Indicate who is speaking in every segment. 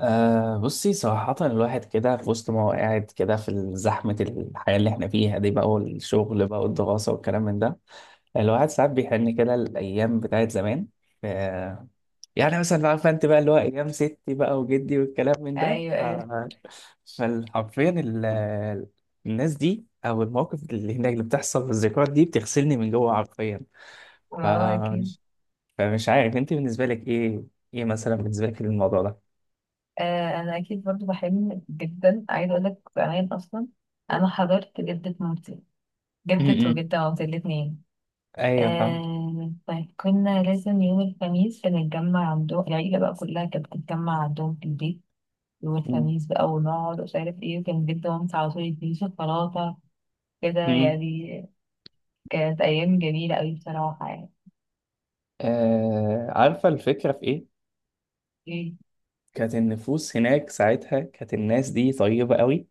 Speaker 1: أه بصي صراحة الواحد كده في وسط ما هو قاعد كده في زحمة الحياة اللي احنا فيها دي بقى، والشغل بقى والدراسة والكلام من ده. الواحد ساعات بيحن كده الأيام بتاعت زمان. أه، يعني مثلا بقى عارفة أنت بقى اللي هو أيام ستي بقى وجدي والكلام من ده
Speaker 2: ايوه ايوه،
Speaker 1: فحرفيا ال... الناس دي أو المواقف اللي هناك اللي بتحصل والذكريات دي بتغسلني من جوه حرفيا. ف...
Speaker 2: اه اكيد.
Speaker 1: فمش عارف أنت بالنسبة لك إيه، إيه مثلا بالنسبة لك الموضوع ده؟
Speaker 2: آه، انا اكيد برضو بحلم جدا، عايزه اقول لك زمان اصلا. انا حضرت جده مامتي،
Speaker 1: م-
Speaker 2: جده
Speaker 1: م.
Speaker 2: وجده مامتي الاثنين.
Speaker 1: أيوه، فاهم.
Speaker 2: آه، طيب كنا لازم يوم الخميس بنتجمع عندهم، العيله بقى كلها كانت بتتجمع عندهم في البيت يوم الخميس بقى، ونقعد ومش عارف ايه، وكان جده مامتي على طول يديني شوكولاته، كده
Speaker 1: مم.
Speaker 2: يعني. كانت ايام جميله قوي بصراحه يعني.
Speaker 1: آه، عارفة الفكرة في إيه؟
Speaker 2: إيه،
Speaker 1: كانت النفوس هناك ساعتها، كانت الناس دي طيبة قوي،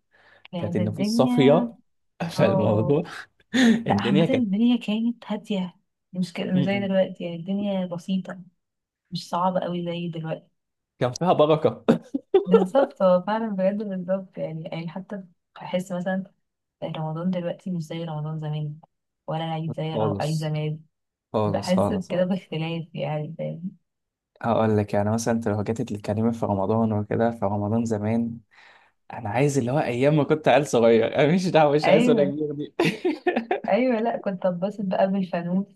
Speaker 1: كانت
Speaker 2: كانت
Speaker 1: النفوس
Speaker 2: الدنيا.
Speaker 1: صافية.
Speaker 2: اه،
Speaker 1: فالموضوع
Speaker 2: لا
Speaker 1: الدنيا
Speaker 2: عامة
Speaker 1: كانت.
Speaker 2: الدنيا كانت هادية،
Speaker 1: م-
Speaker 2: مش زي
Speaker 1: م.
Speaker 2: دلوقتي، يعني الدنيا بسيطة، مش صعبة قوي زي دلوقتي.
Speaker 1: كان فيها بركة.
Speaker 2: بالظبط، هو فعلا بجد بالظبط، يعني حتى بحس مثلا رمضان دلوقتي مش زي رمضان زمان، ولا العيد عيد
Speaker 1: خالص.
Speaker 2: زمان.
Speaker 1: خالص
Speaker 2: بحس
Speaker 1: خالص.
Speaker 2: بكده باختلاف يعني، فاهم؟
Speaker 1: هقول لك يعني مثلا انت لو جيت تتكلمي في رمضان وكده، في رمضان زمان انا عايز اللي هو ايام ما كنت عيل صغير، انا مش دعوه مش عايز ولا
Speaker 2: ايوه
Speaker 1: كبير دي.
Speaker 2: ايوه، لا كنت اتبسط بقى بالفانوس،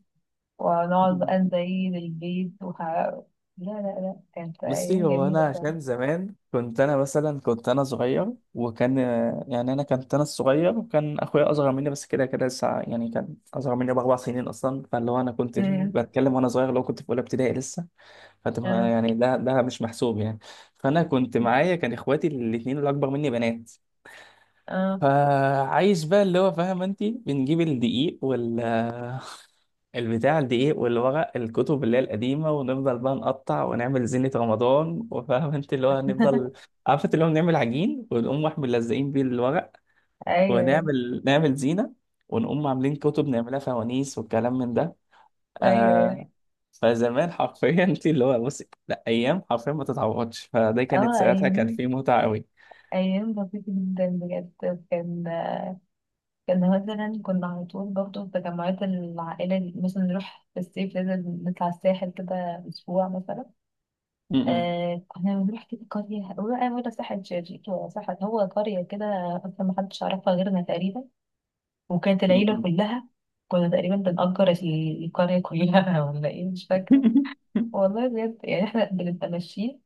Speaker 2: ونقعد بقى نزين البيت لا. لا لا كانت
Speaker 1: بصي،
Speaker 2: أيام
Speaker 1: هو
Speaker 2: جميلة
Speaker 1: انا
Speaker 2: بقى.
Speaker 1: عشان زمان كنت انا مثلا، كنت انا الصغير، وكان اخويا اصغر مني بس كده كده لسه، يعني كان اصغر مني باربع سنين اصلا، فاللي هو انا كنت
Speaker 2: امم.
Speaker 1: بتكلم وانا صغير لو كنت في اولى ابتدائي لسه. فانت ما-
Speaker 2: اه
Speaker 1: يعني ده مش محسوب يعني. فانا كنت معايا كان اخواتي الاثنين اللي اكبر مني بنات.
Speaker 2: اه.
Speaker 1: فعايش بقى، اللي هو فاهم انت، بنجيب الدقيق وال البتاع، الدقيق والورق الكتب اللي هي القديمة، ونفضل بقى نقطع ونعمل زينة رمضان، وفاهم انت اللي هو هنفضل. عارفة اللي هو بنعمل عجين ونقوم واحد ملزقين بيه الورق،
Speaker 2: ايوه
Speaker 1: ونعمل زينة، ونقوم عاملين كتب نعملها فوانيس والكلام من ده.
Speaker 2: ايوه ايوه.
Speaker 1: آه. فزمان حرفيا انت اللي هو، بصي لا أيام حرفيا ما تتعوضش، فده
Speaker 2: اه
Speaker 1: كانت ساعتها كان
Speaker 2: ايام
Speaker 1: فيه متعة قوي.
Speaker 2: ايام بسيطة جدا بجد. كان كان مثلا كنا على طول برضه في تجمعات العائلة، مثلا نروح في الصيف لازم نطلع الساحل كده اسبوع مثلا.
Speaker 1: م- م-
Speaker 2: آه، كنا بنروح كده قرية، ولا ساحل شرير، ولا ساحل هو قرية كده، اصلا محدش يعرفها غيرنا تقريبا، وكانت
Speaker 1: م-
Speaker 2: العيلة
Speaker 1: م.
Speaker 2: كلها كنا تقريبا بنأجر القرية كلها. ولا ايه، مش فاكرة. والله بجد يعني، احنا بنبقى ماشيين،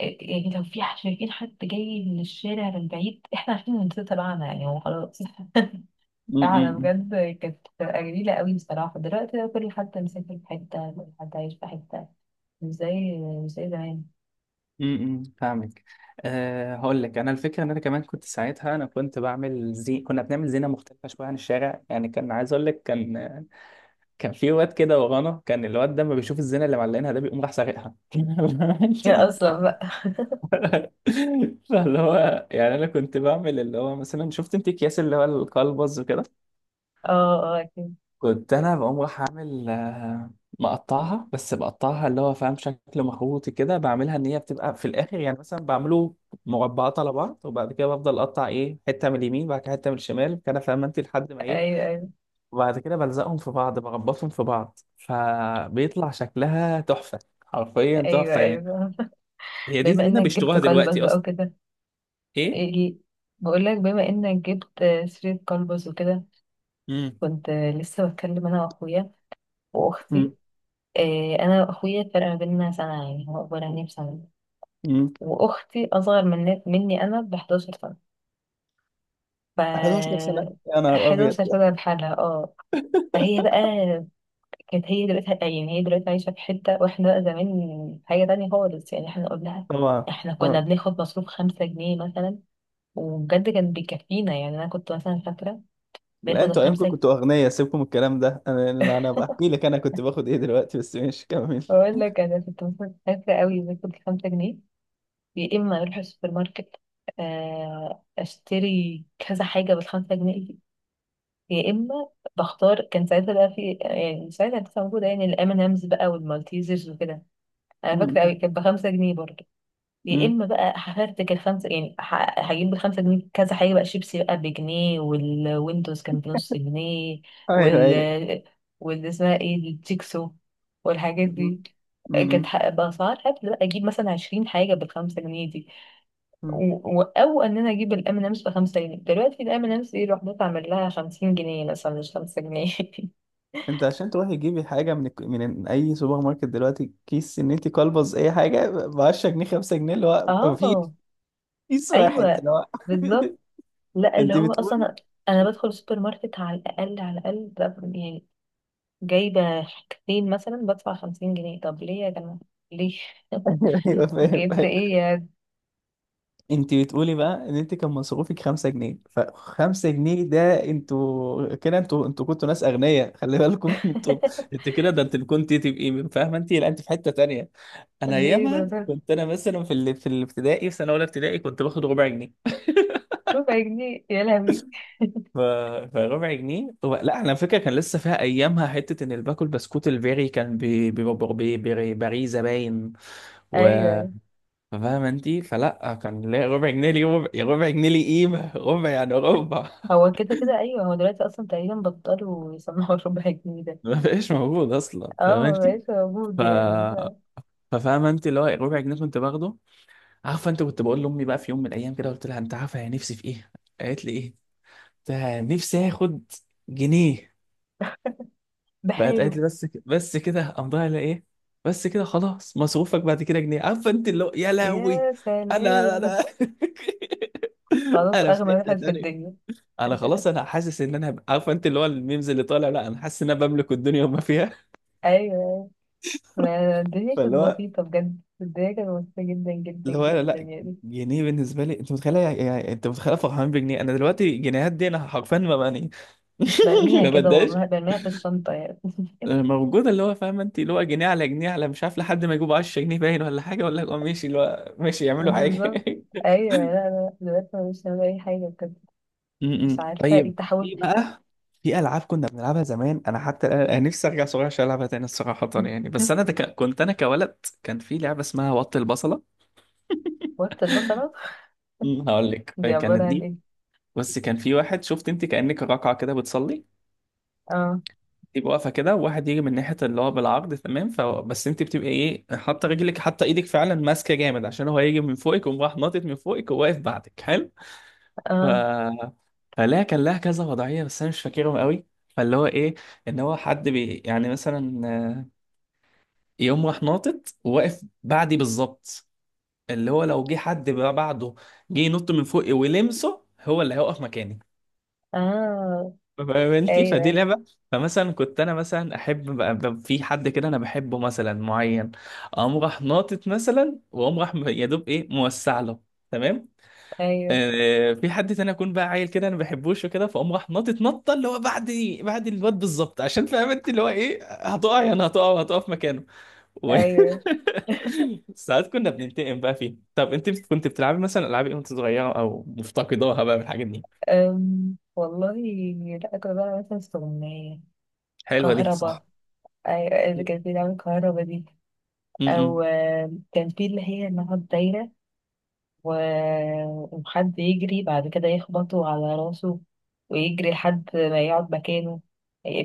Speaker 2: يعني لو في شايفين حد جاي من الشارع من بعيد، احنا عارفين ان ده تبعنا، يعني هو خلاص.
Speaker 1: م-
Speaker 2: فعلا
Speaker 1: م- م.
Speaker 2: بجد، كانت بتبقى جميلة قوي بصراحة. دلوقتي بقى كل حد مسافر في حتة، كل حد عايش في حتة، مش زي مش زي زمان.
Speaker 1: امم، فاهمك. أه هقول لك انا الفكره ان انا كمان كنت ساعتها انا كنت بعمل، زي كنا بنعمل زينه مختلفه شويه عن الشارع، يعني كان عايز اقول لك كان، كان في واد كده ورانا كان الواد ده ما بيشوف الزينه اللي معلقينها ده بيقوم راح سارقها. انت
Speaker 2: يا
Speaker 1: لو-
Speaker 2: اصلا بقى.
Speaker 1: فاللي هو يعني انا كنت بعمل اللي هو، مثلا شفت انت اكياس اللي هو القلبز وكده،
Speaker 2: اه اه اكيد.
Speaker 1: كنت انا بقوم راح اعمل آه، مقطعها، بس بقطعها اللي هو فاهم شكل مخروطي كده، بعملها ان هي بتبقى في الاخر يعني، مثلا بعمله مربعات على بعض، وبعد كده بفضل اقطع ايه حته من اليمين، بعد كده حته من الشمال كده، فاهم انت لحد ما ايه،
Speaker 2: ايوه ايوه.
Speaker 1: وبعد كده بلزقهم في بعض، بربطهم في بعض، فبيطلع شكلها تحفه، حرفيا
Speaker 2: ايوه
Speaker 1: تحفه يعني.
Speaker 2: ايوه.
Speaker 1: هي دي
Speaker 2: بما
Speaker 1: زينه
Speaker 2: انك جبت
Speaker 1: بيشتروها
Speaker 2: كلبس
Speaker 1: دلوقتي
Speaker 2: بقى
Speaker 1: اصلا.
Speaker 2: وكده.
Speaker 1: ايه.
Speaker 2: ايه، إيه، بقول لك بما انك جبت سيرة كلبس وكده.
Speaker 1: امم.
Speaker 2: كنت لسه بتكلم انا واخويا واختي. إيه، انا واخويا الفرق ما بيننا سنة، يعني هو اكبر عني بسنة.
Speaker 1: امم.
Speaker 2: واختي اصغر مني انا ب 11 سنه. ف
Speaker 1: 11 سنه؟ يا نهار ابيض.
Speaker 2: 11 سنه بحالها، اه. فهي بقى كانت، هي دلوقتي يعني هي دلوقتي عايشه في حته، واحنا بقى زمان حاجه تانية خالص. يعني احنا قلنا لها،
Speaker 1: طبعا.
Speaker 2: احنا كنا
Speaker 1: اه.
Speaker 2: بناخد مصروف 5 جنيه مثلا، وبجد كان بيكفينا. يعني انا كنت مثلا فاكره
Speaker 1: لا
Speaker 2: باخد
Speaker 1: انتوا ايامكم
Speaker 2: الخمسة،
Speaker 1: كنتوا اغنياء، سيبكم من الكلام ده، انا انا أنا بحكي لك انا كنت باخد ايه دلوقتي، بس ماشي، كمل.
Speaker 2: بقول لك انا كنت مثلا فاكره قوي، باخد الخمسة جنيه. يا اما اروح السوبر ماركت، اشتري كذا حاجه بالخمسة جنيه، يا اما بختار، كان ساعتها بقى في، يعني ساعتها كانت موجوده يعني الام ان امز بقى، والمالتيزرز وكده، انا فاكره
Speaker 1: مم.
Speaker 2: قوي كانت بخمسة جنيه برضه. يا
Speaker 1: مم.
Speaker 2: اما بقى هفرتك الخمسه، يعني هجيب بالخمسة جنيه كذا حاجه بقى، شيبسي بقى بجنيه، والويندوز كان بنص جنيه،
Speaker 1: ايوه ايوه.
Speaker 2: وال واللي اسمها ايه دي، التيكسو والحاجات
Speaker 1: مم.
Speaker 2: دي، كانت
Speaker 1: مم.
Speaker 2: بأسعار هبل بقى، أجيب مثلا 20 حاجة بالخمسة جنيه.
Speaker 1: مم.
Speaker 2: او ان انا اجيب الام امس ب 5 جنيه، دلوقتي الام امس دي لوحدها تعمل لها 50 جنيه مثلا، مش 5 جنيه.
Speaker 1: انت عشان تروحي تجيبي حاجه من من اي سوبر ماركت دلوقتي، كيس ان انت كلبز اي حاجه ب 10 جنيه، 5 جنيه اللي هو مفيش،
Speaker 2: اه
Speaker 1: كيس واحد
Speaker 2: ايوه
Speaker 1: اللي هو.
Speaker 2: بالظبط. لا اللي
Speaker 1: انت
Speaker 2: هو
Speaker 1: بتقولي.
Speaker 2: اصلا، انا بدخل السوبر ماركت على الاقل على الاقل، يعني جايبه حاجتين مثلا بدفع 50 جنيه، طب ليه يا جماعه، ليه؟
Speaker 1: ايوه، أيوة،
Speaker 2: جبت
Speaker 1: فاهم.
Speaker 2: ايه يا...
Speaker 1: انت بتقولي بقى ان انت كان مصروفك 5 جنيه، فخمسة جنيه ده، انتوا كده، انتوا كنتوا ناس اغنياء، خلي بالكم. انتوا انت كده، ده انت كنت تبقي فاهمه انت، لا انت في حته تانية. انا
Speaker 2: ليه
Speaker 1: ايامها
Speaker 2: ده؟
Speaker 1: كنت انا مثلا في الابتدائي، في سنه اولى ابتدائي كنت باخد ربع جنيه.
Speaker 2: ربع جنيه يا لهوي.
Speaker 1: ف... فربع جنيه، هو لا احنا على فكره كان لسه فيها ايامها حته ان اللي باكل بسكوت الفيري كان ب بريزه باين. و...
Speaker 2: ايوه، أيوة.
Speaker 1: فاهمة انتي، فلا كان ليا ربع جنيه، لي ربع، يا ربع جنيه لي قيمة ربع يعني ربع.
Speaker 2: هو كده كده، ايوه، هو دلوقتي اصلا تقريبا بطلوا يسمعوا ربع جنيه ده.
Speaker 1: ما بقاش موجود اصلا
Speaker 2: اه
Speaker 1: فاهمة انتي.
Speaker 2: مبقاش
Speaker 1: ف
Speaker 2: موجود يعني،
Speaker 1: ففاهمة انتي اللي هو ربع جنيه كنت باخده. عارفة انت، كنت بقول لأمي بقى في يوم من الأيام، كده قلت لها انت عارفة يا، نفسي في ايه؟ قالت لي ايه؟ قلت لها نفسي اخد جنيه. بقت قالت
Speaker 2: بحاله.
Speaker 1: لي بس كده قام ضايع لها ايه؟ بس كده، خلاص مصروفك بعد كده جنيه، عارفة انت اللي هو، يا لهوي.
Speaker 2: يا
Speaker 1: انا
Speaker 2: سلام،
Speaker 1: انا
Speaker 2: خلاص
Speaker 1: انا في
Speaker 2: اغنى
Speaker 1: حتة
Speaker 2: واحد في
Speaker 1: تانية.
Speaker 2: الدنيا.
Speaker 1: انا خلاص انا حاسس ان عارفه انت اللي هو الميمز اللي طالع، لا انا حاسس ان انا بملك الدنيا وما فيها.
Speaker 2: ايوه، ما الدنيا كانت
Speaker 1: فاللي هو،
Speaker 2: بسيطة بجد، الدنيا كانت بسيطة جدا جدا
Speaker 1: اللي هو
Speaker 2: جدا
Speaker 1: لا،
Speaker 2: يعني.
Speaker 1: جنيه بالنسبه لي انت متخيله يعني، انت متخيله فرحان بجنيه، انا دلوقتي جنيهات دي انا حرفيا ما بقى.
Speaker 2: برميها
Speaker 1: ما
Speaker 2: كده،
Speaker 1: بداش
Speaker 2: والله برميها في الشنطة يعني.
Speaker 1: موجوده اللي هو فاهمه انت، اللي هو جنيه على جنيه على مش عارف لحد ما يجيبوا 10 جنيه باين ولا حاجه ولا هو ماشي اللي هو ماشي يعملوا حاجه.
Speaker 2: بالظبط. ايوه، لا لا دلوقتي أنا مش هعمل اي حاجة بجد، مش عارفة ايه
Speaker 1: طيب،
Speaker 2: التحول.
Speaker 1: في بقى، في العاب كنا بنلعبها زمان انا أنا نفسي ارجع صغير عشان العبها تاني الصراحه يعني. بس انا ده كنت انا كولد، كان في لعبه اسمها وط البصله.
Speaker 2: وقت البصلة،
Speaker 1: م. هقول لك
Speaker 2: دي
Speaker 1: كانت
Speaker 2: عبارة عن
Speaker 1: دي،
Speaker 2: ايه؟
Speaker 1: بس كان في واحد شفت انت كانك راكعه كده بتصلي،
Speaker 2: اه
Speaker 1: تبقى واقفه كده، وواحد يجي من ناحيه اللي هو بالعرض، تمام، فبس انت بتبقى ايه، حاطه رجلك حاطه ايدك فعلا ماسكه جامد، عشان هو هيجي من فوقك وقوم راح ناطط من فوقك وواقف بعدك، حلو. ف
Speaker 2: اه
Speaker 1: فلا كان لها كذا وضعية بس أنا مش فاكرهم قوي. فاللي هو إيه، إن هو حد بي يعني مثلا آه، يقوم راح ناطط وواقف بعدي بالظبط، اللي هو لو جه حد بقى بعده، جه ينط من فوقي ولمسه، هو اللي هيقف مكاني.
Speaker 2: اه.
Speaker 1: فاهم انت، فدي
Speaker 2: ايوه
Speaker 1: لعبة. فمثلا كنت أنا، مثلا أحب بقى، في حد كده أنا بحبه مثلا معين، أقوم راح ناطط مثلا، وأقوم راح يا دوب إيه موسع له، تمام.
Speaker 2: ايوه
Speaker 1: آه، في حد تاني اكون بقى عيل كده انا ما بحبوش وكده، فاقوم راح ناطط نطه اللي هو بعد، بعد الواد بالظبط، عشان فاهم انت اللي هو ايه، هتقع يعني هتقع وهتقع في مكانه. و...
Speaker 2: ايوه.
Speaker 1: ساعات كنا بننتقم بقى فيه. طب انت كنت بتلعبي مثلا العاب ايه وانت صغيره، او مفتقداها بقى من الحاجات دي؟
Speaker 2: والله، لا كنت بقى مثلا استغنية
Speaker 1: حلوه دي
Speaker 2: كهربا.
Speaker 1: صح.
Speaker 2: إذا كان في دعوة كهربا دي، أو
Speaker 1: امم.
Speaker 2: كان في اللي هي إنها دايرة، وحد يجري بعد كده يخبطه على راسه، ويجري لحد ما يقعد مكانه،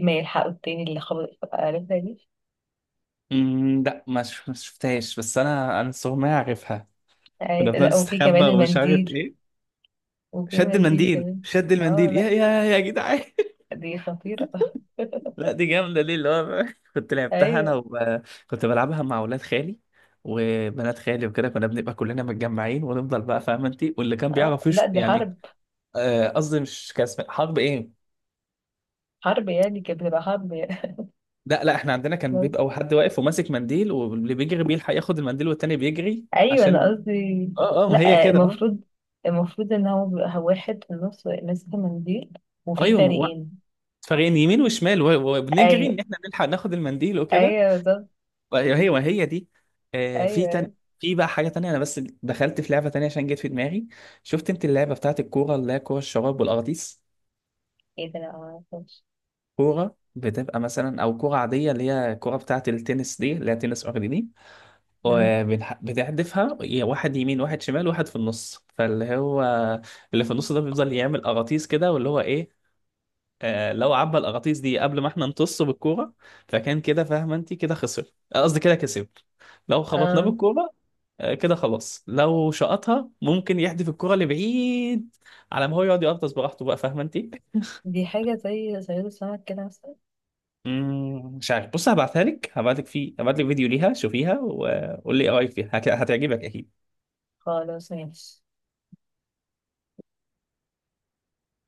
Speaker 2: ما يلحقه التاني اللي خبط، عرفتها دي؟
Speaker 1: امم. لا ما شفتهاش، بس انا الصراحه ما اعرفها. كنا بنقعد
Speaker 2: لا، وفي
Speaker 1: نستخبى
Speaker 2: كمان
Speaker 1: ومش عارف
Speaker 2: المنديل،
Speaker 1: ايه.
Speaker 2: وفي
Speaker 1: شد
Speaker 2: المنديل
Speaker 1: المنديل،
Speaker 2: كمان،
Speaker 1: شد
Speaker 2: اه.
Speaker 1: المنديل يا
Speaker 2: لا
Speaker 1: يا يا جدعان.
Speaker 2: دي خطيرة.
Speaker 1: لا دي جامدة، دي اللي هو كنت لعبتها
Speaker 2: ايوه.
Speaker 1: كنت بلعبها مع ولاد خالي وبنات خالي وكده، كنا بنبقى كلنا متجمعين ونفضل بقى فاهمة أنت، واللي كان
Speaker 2: اه
Speaker 1: بيعرف
Speaker 2: لا
Speaker 1: يش
Speaker 2: دي
Speaker 1: يعني.
Speaker 2: حرب،
Speaker 1: آه، قصدي مش كان اسمها حرب إيه؟
Speaker 2: حرب يعني كانت بتبقى حرب يعني.
Speaker 1: لا إحنا عندنا كان بيبقى حد واقف وماسك منديل، واللي بيجري بيلحق ياخد المنديل، والتاني بيجري
Speaker 2: ايوه انا
Speaker 1: عشان.
Speaker 2: قصدي
Speaker 1: أه ما هي
Speaker 2: لا،
Speaker 1: كده، أه.
Speaker 2: المفروض، المفروض ان هو بيبقى واحد في النص ماسك المنديل وفي
Speaker 1: أيوه ما هو-
Speaker 2: فريقين.
Speaker 1: فريقين، يمين وشمال، وبنجري
Speaker 2: ايوه
Speaker 1: إن إحنا نلحق ناخد المنديل وكده.
Speaker 2: ايوه بالظبط.
Speaker 1: هي دي. آه،
Speaker 2: ايوه ايوه.
Speaker 1: في بقى حاجة تانية، أنا بس دخلت في لعبة تانية عشان جت في دماغي. شفت أنت اللعبة بتاعت الكورة اللي هي كورة الشراب والأغطيس؟
Speaker 2: ايه ده، لا ما اعرفش.
Speaker 1: كورة بتبقى مثلا، أو كورة عادية اللي هي الكورة بتاعت التنس دي اللي هي تنس أرضي دي، بتحدفها يا واحد يمين واحد شمال، واحد في النص، فاللي هو اللي في النص ده بيفضل يعمل أغاطيس كده، واللي هو إيه آه، لو عبى الأغاطيس دي قبل ما إحنا نطص بالكورة، فكان كده فاهمة أنت كده خسر، آه، قصدي كده كسب لو خبطناه
Speaker 2: اه،
Speaker 1: بالكورة. آه، كده خلاص، لو شقطها ممكن يحدف الكرة لبعيد، على ما هو يقعد يقرطس براحته بقى، فاهمة انت؟
Speaker 2: دي حاجه زي صياد السمك كده مثلا.
Speaker 1: مم، مش عارف، بص هبعتها لك، هبعت لك فيديو ليها شوفيها وقول لي ايه رايك فيها، هتعجبك اكيد.
Speaker 2: خلاص، ماشي.